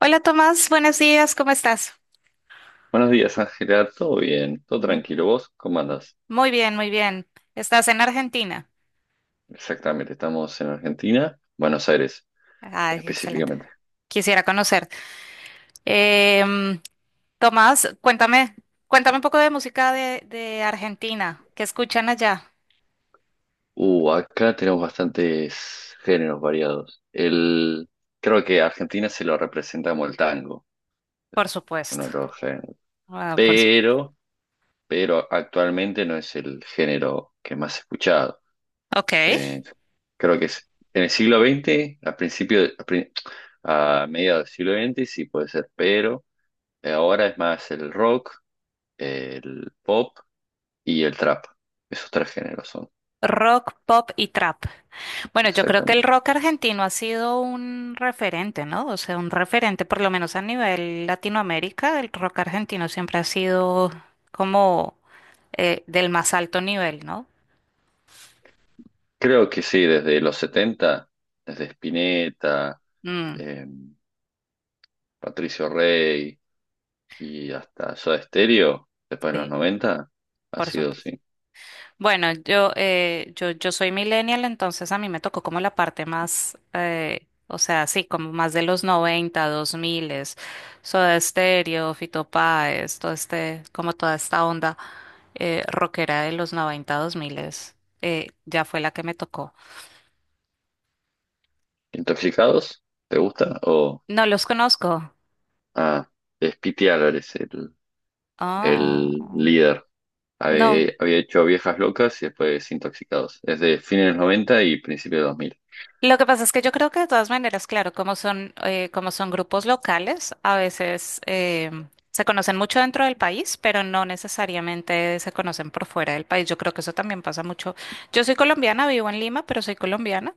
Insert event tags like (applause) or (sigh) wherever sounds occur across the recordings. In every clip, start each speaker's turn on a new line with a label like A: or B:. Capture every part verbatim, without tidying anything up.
A: Hola Tomás, buenos días, ¿cómo estás?
B: Buenos días, Ángela. ¿Todo bien? ¿Todo
A: M-
B: tranquilo? ¿Vos cómo andás?
A: Muy bien, muy bien. ¿Estás en Argentina?
B: Exactamente, estamos en Argentina, Buenos Aires
A: Ay, excelente.
B: específicamente.
A: Quisiera conocerte. Em, Tomás, cuéntame, cuéntame un poco de música de, de Argentina. ¿Qué escuchan allá?
B: Uh, acá tenemos bastantes géneros variados. El, creo que a Argentina se lo representa como el tango,
A: Por
B: uno
A: supuesto.
B: de los géneros.
A: Ah, por supuesto.
B: Pero, pero actualmente no es el género que más he escuchado.
A: Ok.
B: Eh, Creo que es en el siglo veinte, a principio, a, pri- a mediados del siglo veinte, sí puede ser, pero ahora es más el rock, el pop y el trap. Esos tres géneros son.
A: Rock, pop y trap. Bueno, yo creo que el
B: Exactamente.
A: rock argentino ha sido un referente, ¿no? O sea, un referente, por lo menos a nivel Latinoamérica, el rock argentino siempre ha sido como eh, del más alto nivel, ¿no?
B: Creo que sí, desde los setenta, desde Spinetta,
A: Mm,
B: eh, Patricio Rey y hasta Soda Stereo, después de los
A: sí,
B: noventa, ha
A: por
B: sido,
A: supuesto.
B: sí.
A: Bueno, yo, eh, yo, yo soy millennial, entonces a mí me tocó como la parte más, eh, o sea, sí, como más de los noventa dos 2000, Soda Stereo, Fito Páez, todo este, como toda esta onda eh, rockera de los noventa, dos mil, eh, ya fue la que me tocó.
B: ¿Intoxicados? ¿Te gusta? O,
A: No los conozco.
B: ah, es Pity Álvarez, el,
A: Ah,
B: el líder.
A: no,
B: Había, había hecho Viejas Locas y después Intoxicados. Es de fines de los noventa y principios de dos mil.
A: lo que pasa es que yo creo que de todas maneras, claro, como son, eh, como son grupos locales, a veces eh, se conocen mucho dentro del país, pero no necesariamente se conocen por fuera del país. Yo creo que eso también pasa mucho. Yo soy colombiana, vivo en Lima, pero soy colombiana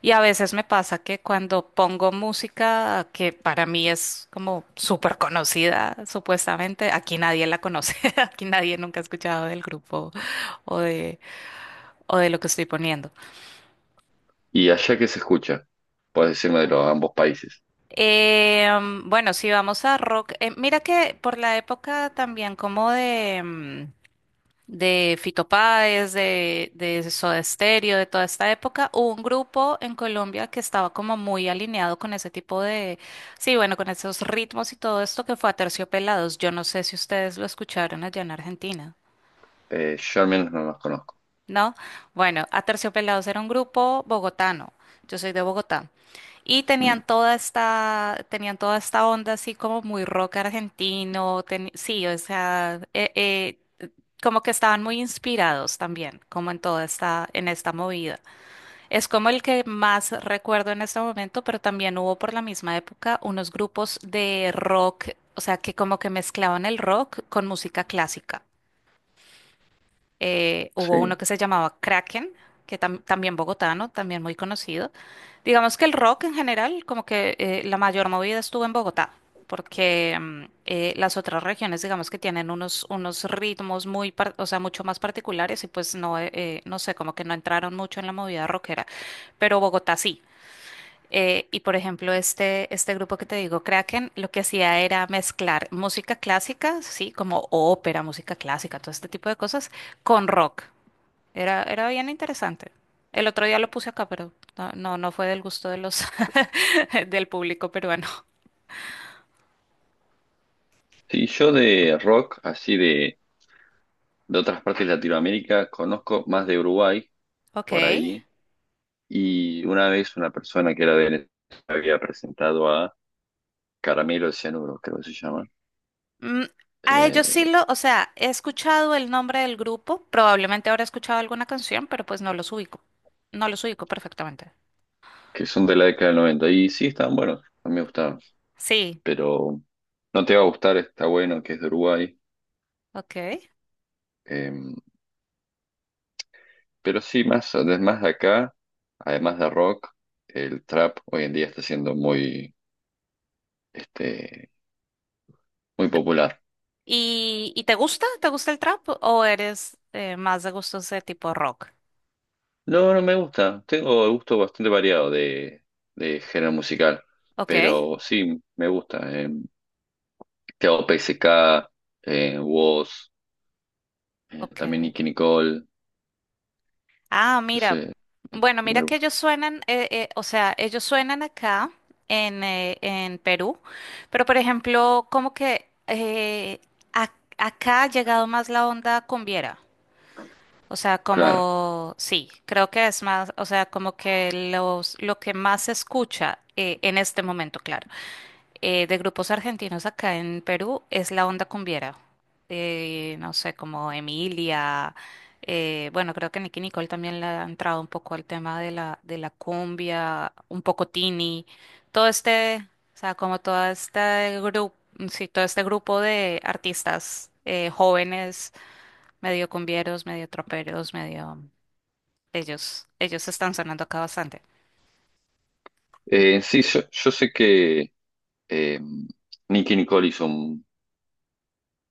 A: y a veces me pasa que cuando pongo música que para mí es como súper conocida, supuestamente, aquí nadie la conoce, (laughs) aquí nadie nunca ha escuchado del grupo o de, o de lo que estoy poniendo.
B: ¿Y allá que se escucha? Puedes decirme de los ambos países.
A: Eh, mm, bueno, si vamos a rock, eh, mira que por la época también como de, mm, de Fito Páez, de, de Soda Stereo, de toda esta época, hubo un grupo en Colombia que estaba como muy alineado con ese tipo de, sí, bueno, con esos ritmos y todo esto que fue Aterciopelados. Yo no sé si ustedes lo escucharon allá en Argentina.
B: Eh, yo al menos no los conozco.
A: ¿No? Bueno, Aterciopelados era un grupo bogotano. Yo soy de Bogotá. Y
B: Mm,
A: tenían toda esta, tenían toda esta onda así como muy rock argentino. teni- sí, o sea, eh, eh, como que estaban muy inspirados también, como en toda esta, en esta movida. Es como el que más recuerdo en este momento, pero también hubo por la misma época unos grupos de rock, o sea, que como que mezclaban el rock con música clásica eh, hubo uno
B: sí.
A: que se llamaba Kraken, que tam- también bogotano, también muy conocido. Digamos que el rock en general, como que eh, la mayor movida estuvo en Bogotá, porque mm, eh, las otras regiones, digamos que tienen unos, unos ritmos muy, par- o sea, mucho más particulares y pues no, eh, eh, no sé, como que no entraron mucho en la movida rockera, pero Bogotá sí. Eh, y por ejemplo, este, este grupo que te digo, Kraken, lo que hacía era mezclar música clásica, sí, como ópera, música clásica, todo este tipo de cosas, con rock. Era, era bien interesante. El otro día lo puse acá, pero no, no, no fue del gusto de los (laughs) del público peruano.
B: Sí, yo de rock, así de, de otras partes de Latinoamérica, conozco más de Uruguay,
A: Ok.
B: por ahí. Y una vez una persona que era de Venezuela había presentado a Caramelo de Cianuro, creo que se llama,
A: Mm, a ellos
B: eh,
A: sí lo, o sea, he escuchado el nombre del grupo, probablemente habré escuchado alguna canción, pero pues no los ubico. No los ubico perfectamente.
B: que son de la década del noventa. Y sí, están buenos, a mí me gustaron.
A: Sí,
B: Pero no te va a gustar, está bueno que es de Uruguay.
A: ok.
B: em, Pero sí, más, además de acá, además de rock, el trap hoy en día está siendo muy, este, muy popular.
A: ¿Y, y te gusta? ¿Te gusta el trap o eres eh, más de gustos de tipo rock?
B: No, no me gusta. Tengo gusto bastante variado de, de género musical.
A: Ok,
B: Pero sí, me gusta. Eh, Teo P S K, eh, Wos, eh,
A: ok.
B: también Nicki Nicole.
A: Ah, mira.
B: ese-
A: Bueno, mira
B: Me
A: que
B: gusta.
A: ellos suenan, eh, eh, o sea, ellos suenan acá en, eh, en Perú, pero por ejemplo, como que eh, ac- acá ha llegado más la onda cumbiera. O sea,
B: Claro.
A: como, sí, creo que es más, o sea, como que los, lo que más se escucha eh, en este momento, claro. Eh, de grupos argentinos acá en Perú es la onda cumbiera. Eh, no sé, como Emilia. Eh, bueno, creo que Nicki Nicole también le ha entrado un poco al tema de la, de la, cumbia, un poco Tini. Todo este, o sea, como todo este grupo, sí, todo este grupo de artistas eh, jóvenes, medio cumbieros, medio troperos, medio. Ellos, ellos están sonando acá bastante.
B: Eh, sí, yo, yo sé que eh, Nicki Nicole hizo un,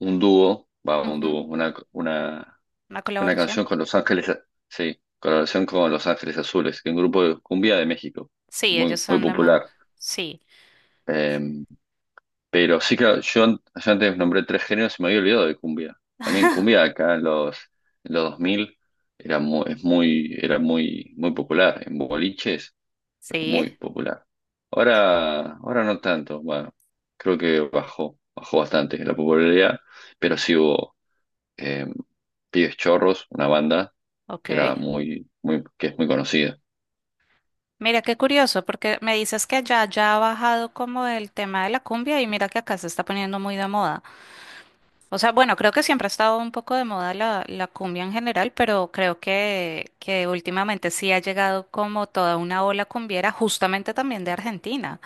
B: un dúo, va, un
A: Ujú.
B: dúo, una, una
A: Una
B: Una
A: colaboración.
B: canción con Los Ángeles, sí, colaboración con Los Ángeles Azules, que es un grupo de cumbia de México,
A: Sí, ellos
B: muy, muy
A: son de más.
B: popular.
A: Sí,
B: Eh, pero sí, claro, yo, an- yo antes nombré tres géneros y me había olvidado de cumbia. También cumbia acá en los, en los, dos mil era muy, es muy, era muy, muy popular, en boliches,
A: sí.
B: muy popular. Ahora, ahora no tanto, bueno, creo que bajó, bajó bastante la popularidad, pero sí hubo eh, Pibes Chorros, una banda que era
A: Ok.
B: muy, muy, que es muy conocida.
A: Mira qué curioso, porque me dices que allá ya ha bajado como el tema de la cumbia y mira que acá se está poniendo muy de moda. O sea, bueno, creo que siempre ha estado un poco de moda la, la cumbia en general, pero creo que, que últimamente sí ha llegado como toda una ola cumbiera, justamente también de Argentina.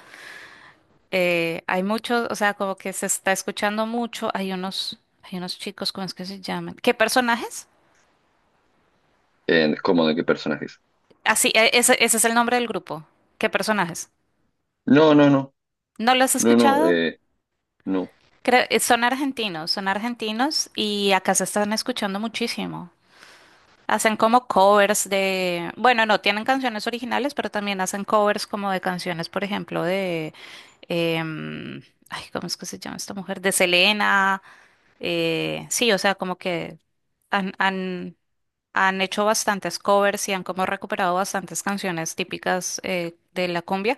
A: Eh, hay muchos, o sea, como que se está escuchando mucho, hay unos, hay unos chicos, ¿cómo es que se llaman? ¿Qué personajes?
B: Eh, ¿cómo de qué personajes?
A: Así, ese, ese es el nombre del grupo. ¿Qué personajes?
B: No, no, no,
A: ¿No lo has
B: no, no,
A: escuchado?
B: eh, no.
A: Creo- eh, son argentinos, son argentinos y acá se están escuchando muchísimo. Hacen como covers de, bueno, no tienen canciones originales, pero también hacen covers como de canciones, por ejemplo, de, em, ay, ¿cómo es que se llama esta mujer? De Selena. Eh, sí, o sea, como que han, han, han hecho bastantes covers y han como recuperado bastantes canciones típicas eh, de la cumbia.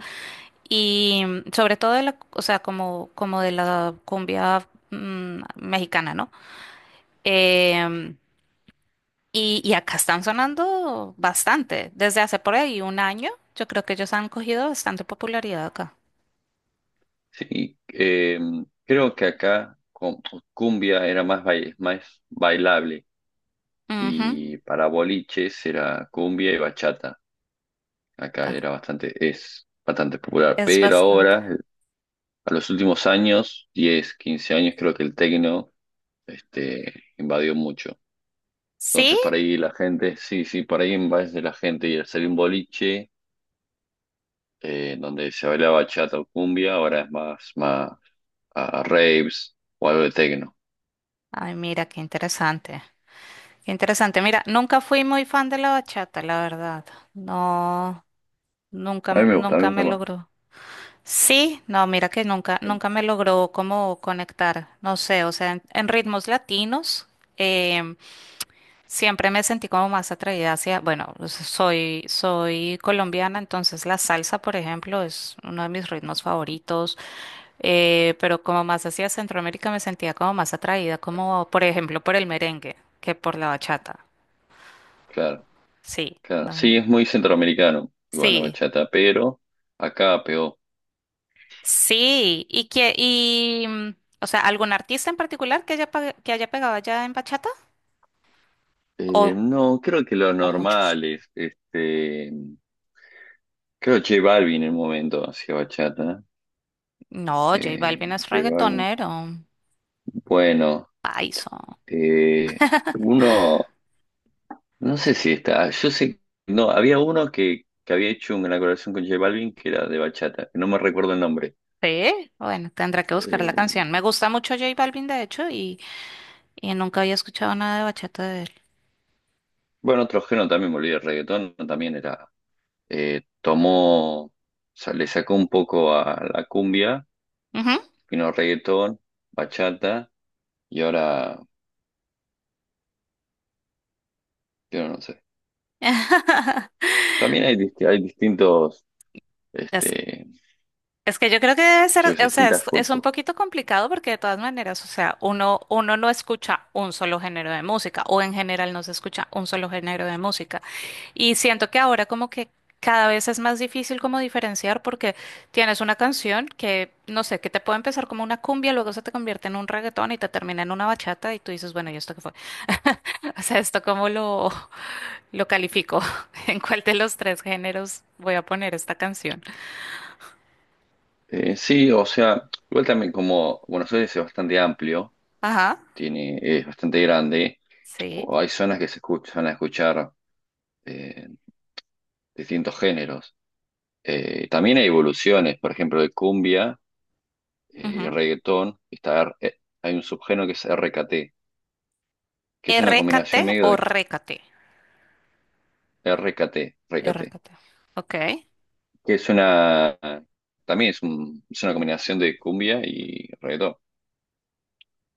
A: Y mm, sobre todo de la, o sea, como, como de la cumbia mm, mexicana, ¿no? Em, y, y acá están sonando bastante. Desde hace por ahí un año, yo creo que ellos han cogido bastante popularidad acá.
B: Sí, eh, creo que acá con- cumbia era más, bail- más bailable
A: Ujú,
B: y para boliches era cumbia y bachata. Acá
A: ah,
B: era bastante, es bastante popular,
A: es
B: pero
A: bastante.
B: ahora, eh, a los últimos años, diez, quince años, creo que el tecno este, invadió mucho.
A: ¿Sí?
B: Entonces, por ahí la gente, sí, sí, por ahí en vez de la gente y el salir un boliche, eh, donde se bailaba bachata o cumbia, ahora es más, más a raves o algo de tecno.
A: Ay, mira, qué interesante. Qué interesante. Mira, nunca fui muy fan de la bachata, la verdad. No, nunca,
B: A mí me gusta, a mí me
A: nunca
B: gusta
A: me
B: más.
A: logró. Sí, no, mira que nunca,
B: Sí,
A: nunca me logró como conectar, no sé, o sea, en, en ritmos latinos em, siempre me sentí como más atraída hacia, bueno, pues, soy, soy colombiana, entonces la salsa, por ejemplo, es uno de mis ritmos favoritos, eh, pero como más hacia Centroamérica me sentía como más atraída, como por ejemplo por el merengue que por la bachata,
B: claro,
A: sí,
B: claro.
A: no,
B: Sí, es muy centroamericano, igual la
A: sí.
B: bachata, pero acá pegó.
A: Sí, y que, y, mm, o sea, ¿algún artista en particular que haya, pa- que haya pegado allá en bachata?
B: Eh,
A: ¿O,
B: no, creo que lo
A: o muchos?
B: normal es, este, creo J Balvin en un momento hacía bachata.
A: No, J Balvin
B: Eh,
A: es
B: J Balvin.
A: reggaetonero,
B: Bueno,
A: paiso.
B: eh, uno. No sé si está, yo sé, no, había uno que, que había hecho una colaboración con J Balvin que era de bachata, que no me recuerdo el nombre.
A: Sí, bueno, tendrá que buscar la
B: Eh,
A: canción. Me gusta mucho J Balvin, de hecho, y, y, nunca había escuchado nada de bachata de él.
B: bueno, otro género también, me olvidé, el reggaetón también era, eh, tomó, o sea, le sacó un poco a la cumbia,
A: Ujú.
B: vino reggaetón, bachata, y ahora, yo no sé.
A: (laughs)
B: También hay, dist- hay distintos, este,
A: Es que yo creo que debe
B: yo
A: ser,
B: qué sé,
A: o sea, es,
B: distintas
A: es un
B: culpas.
A: poquito complicado porque de todas maneras, o sea, uno, uno no escucha un solo género de música o en general no se escucha un solo género de música. Y siento que ahora como que cada vez es más difícil como diferenciar porque tienes una canción que, no sé, que te puede empezar como una cumbia, luego se te convierte en un reggaetón y te termina en una bachata y tú dices, bueno, ¿y esto qué fue? (laughs) O sea, ¿esto cómo lo, lo califico? (laughs) ¿En cuál de los tres géneros voy a poner esta canción?
B: Eh, sí, o sea, igual también como Buenos Aires es bastante amplio,
A: Ajá,
B: tiene, es bastante grande.
A: sí.
B: O hay zonas que se escuchan a escuchar eh, distintos géneros. Eh, también hay evoluciones, por ejemplo, de cumbia eh, y
A: Ujú.
B: reggaetón. Está, R- eh, hay un subgénero que es R K T, que es una
A: R K T
B: combinación medio
A: o
B: de
A: R K T.
B: R K T, R K T,
A: R K T. Ok.
B: que es una, también es, un- es una combinación de cumbia y reggaetón.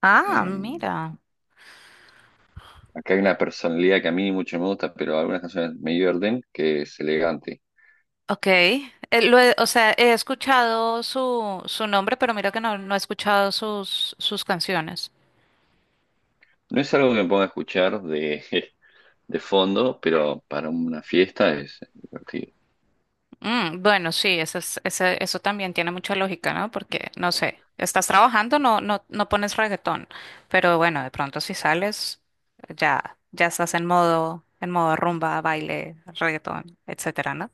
A: Ah,
B: Eh,
A: mira.
B: Acá hay una personalidad que a mí mucho me gusta, pero algunas canciones me divierten, que es elegante.
A: Ok. Eh, lo he- o sea, he escuchado su, su nombre, pero mira que no, no he escuchado sus, sus canciones.
B: No es algo que me ponga a escuchar de, (laughs) de fondo, pero para una fiesta es divertido.
A: Mm, bueno, sí, eso es- ese- eso también tiene mucha lógica, ¿no? Porque, no sé, estás trabajando, no, no, no pones reggaetón, pero bueno, de pronto si sales, ya, ya estás en modo, en modo rumba, baile, reggaetón, etcétera, ¿no?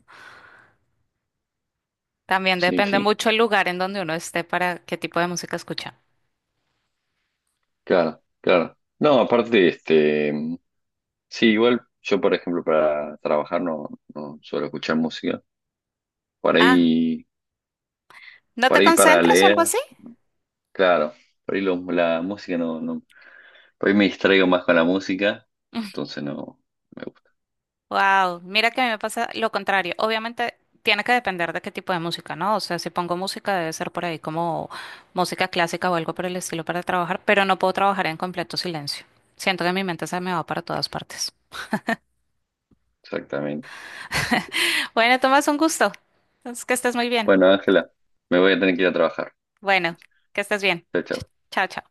A: También
B: Sí,
A: depende
B: sí,
A: mucho el lugar en donde uno esté para qué tipo de música escucha.
B: claro, claro. No, aparte, este, sí, igual yo, por ejemplo, para trabajar no, no, suelo escuchar música. Por
A: Ah,
B: ahí,
A: ¿no
B: por
A: te
B: ahí para
A: concentras o algo
B: leer,
A: así?
B: claro, por ahí lo- la música no, no, por ahí me distraigo más con la música, entonces no me gusta,
A: Wow, mira que a mí me pasa lo contrario. Obviamente tiene que depender de qué tipo de música, ¿no? O sea, si pongo música debe ser por ahí como música clásica o algo por el estilo para trabajar, pero no puedo trabajar en completo silencio. Siento que mi mente se me va para todas partes.
B: exactamente.
A: Bueno, Tomás, un gusto. Entonces, que estés muy bien.
B: Bueno, Ángela, me voy a tener que ir a trabajar.
A: Bueno, que estés bien.
B: Chao,
A: Ch-
B: chao.
A: Chao, chao.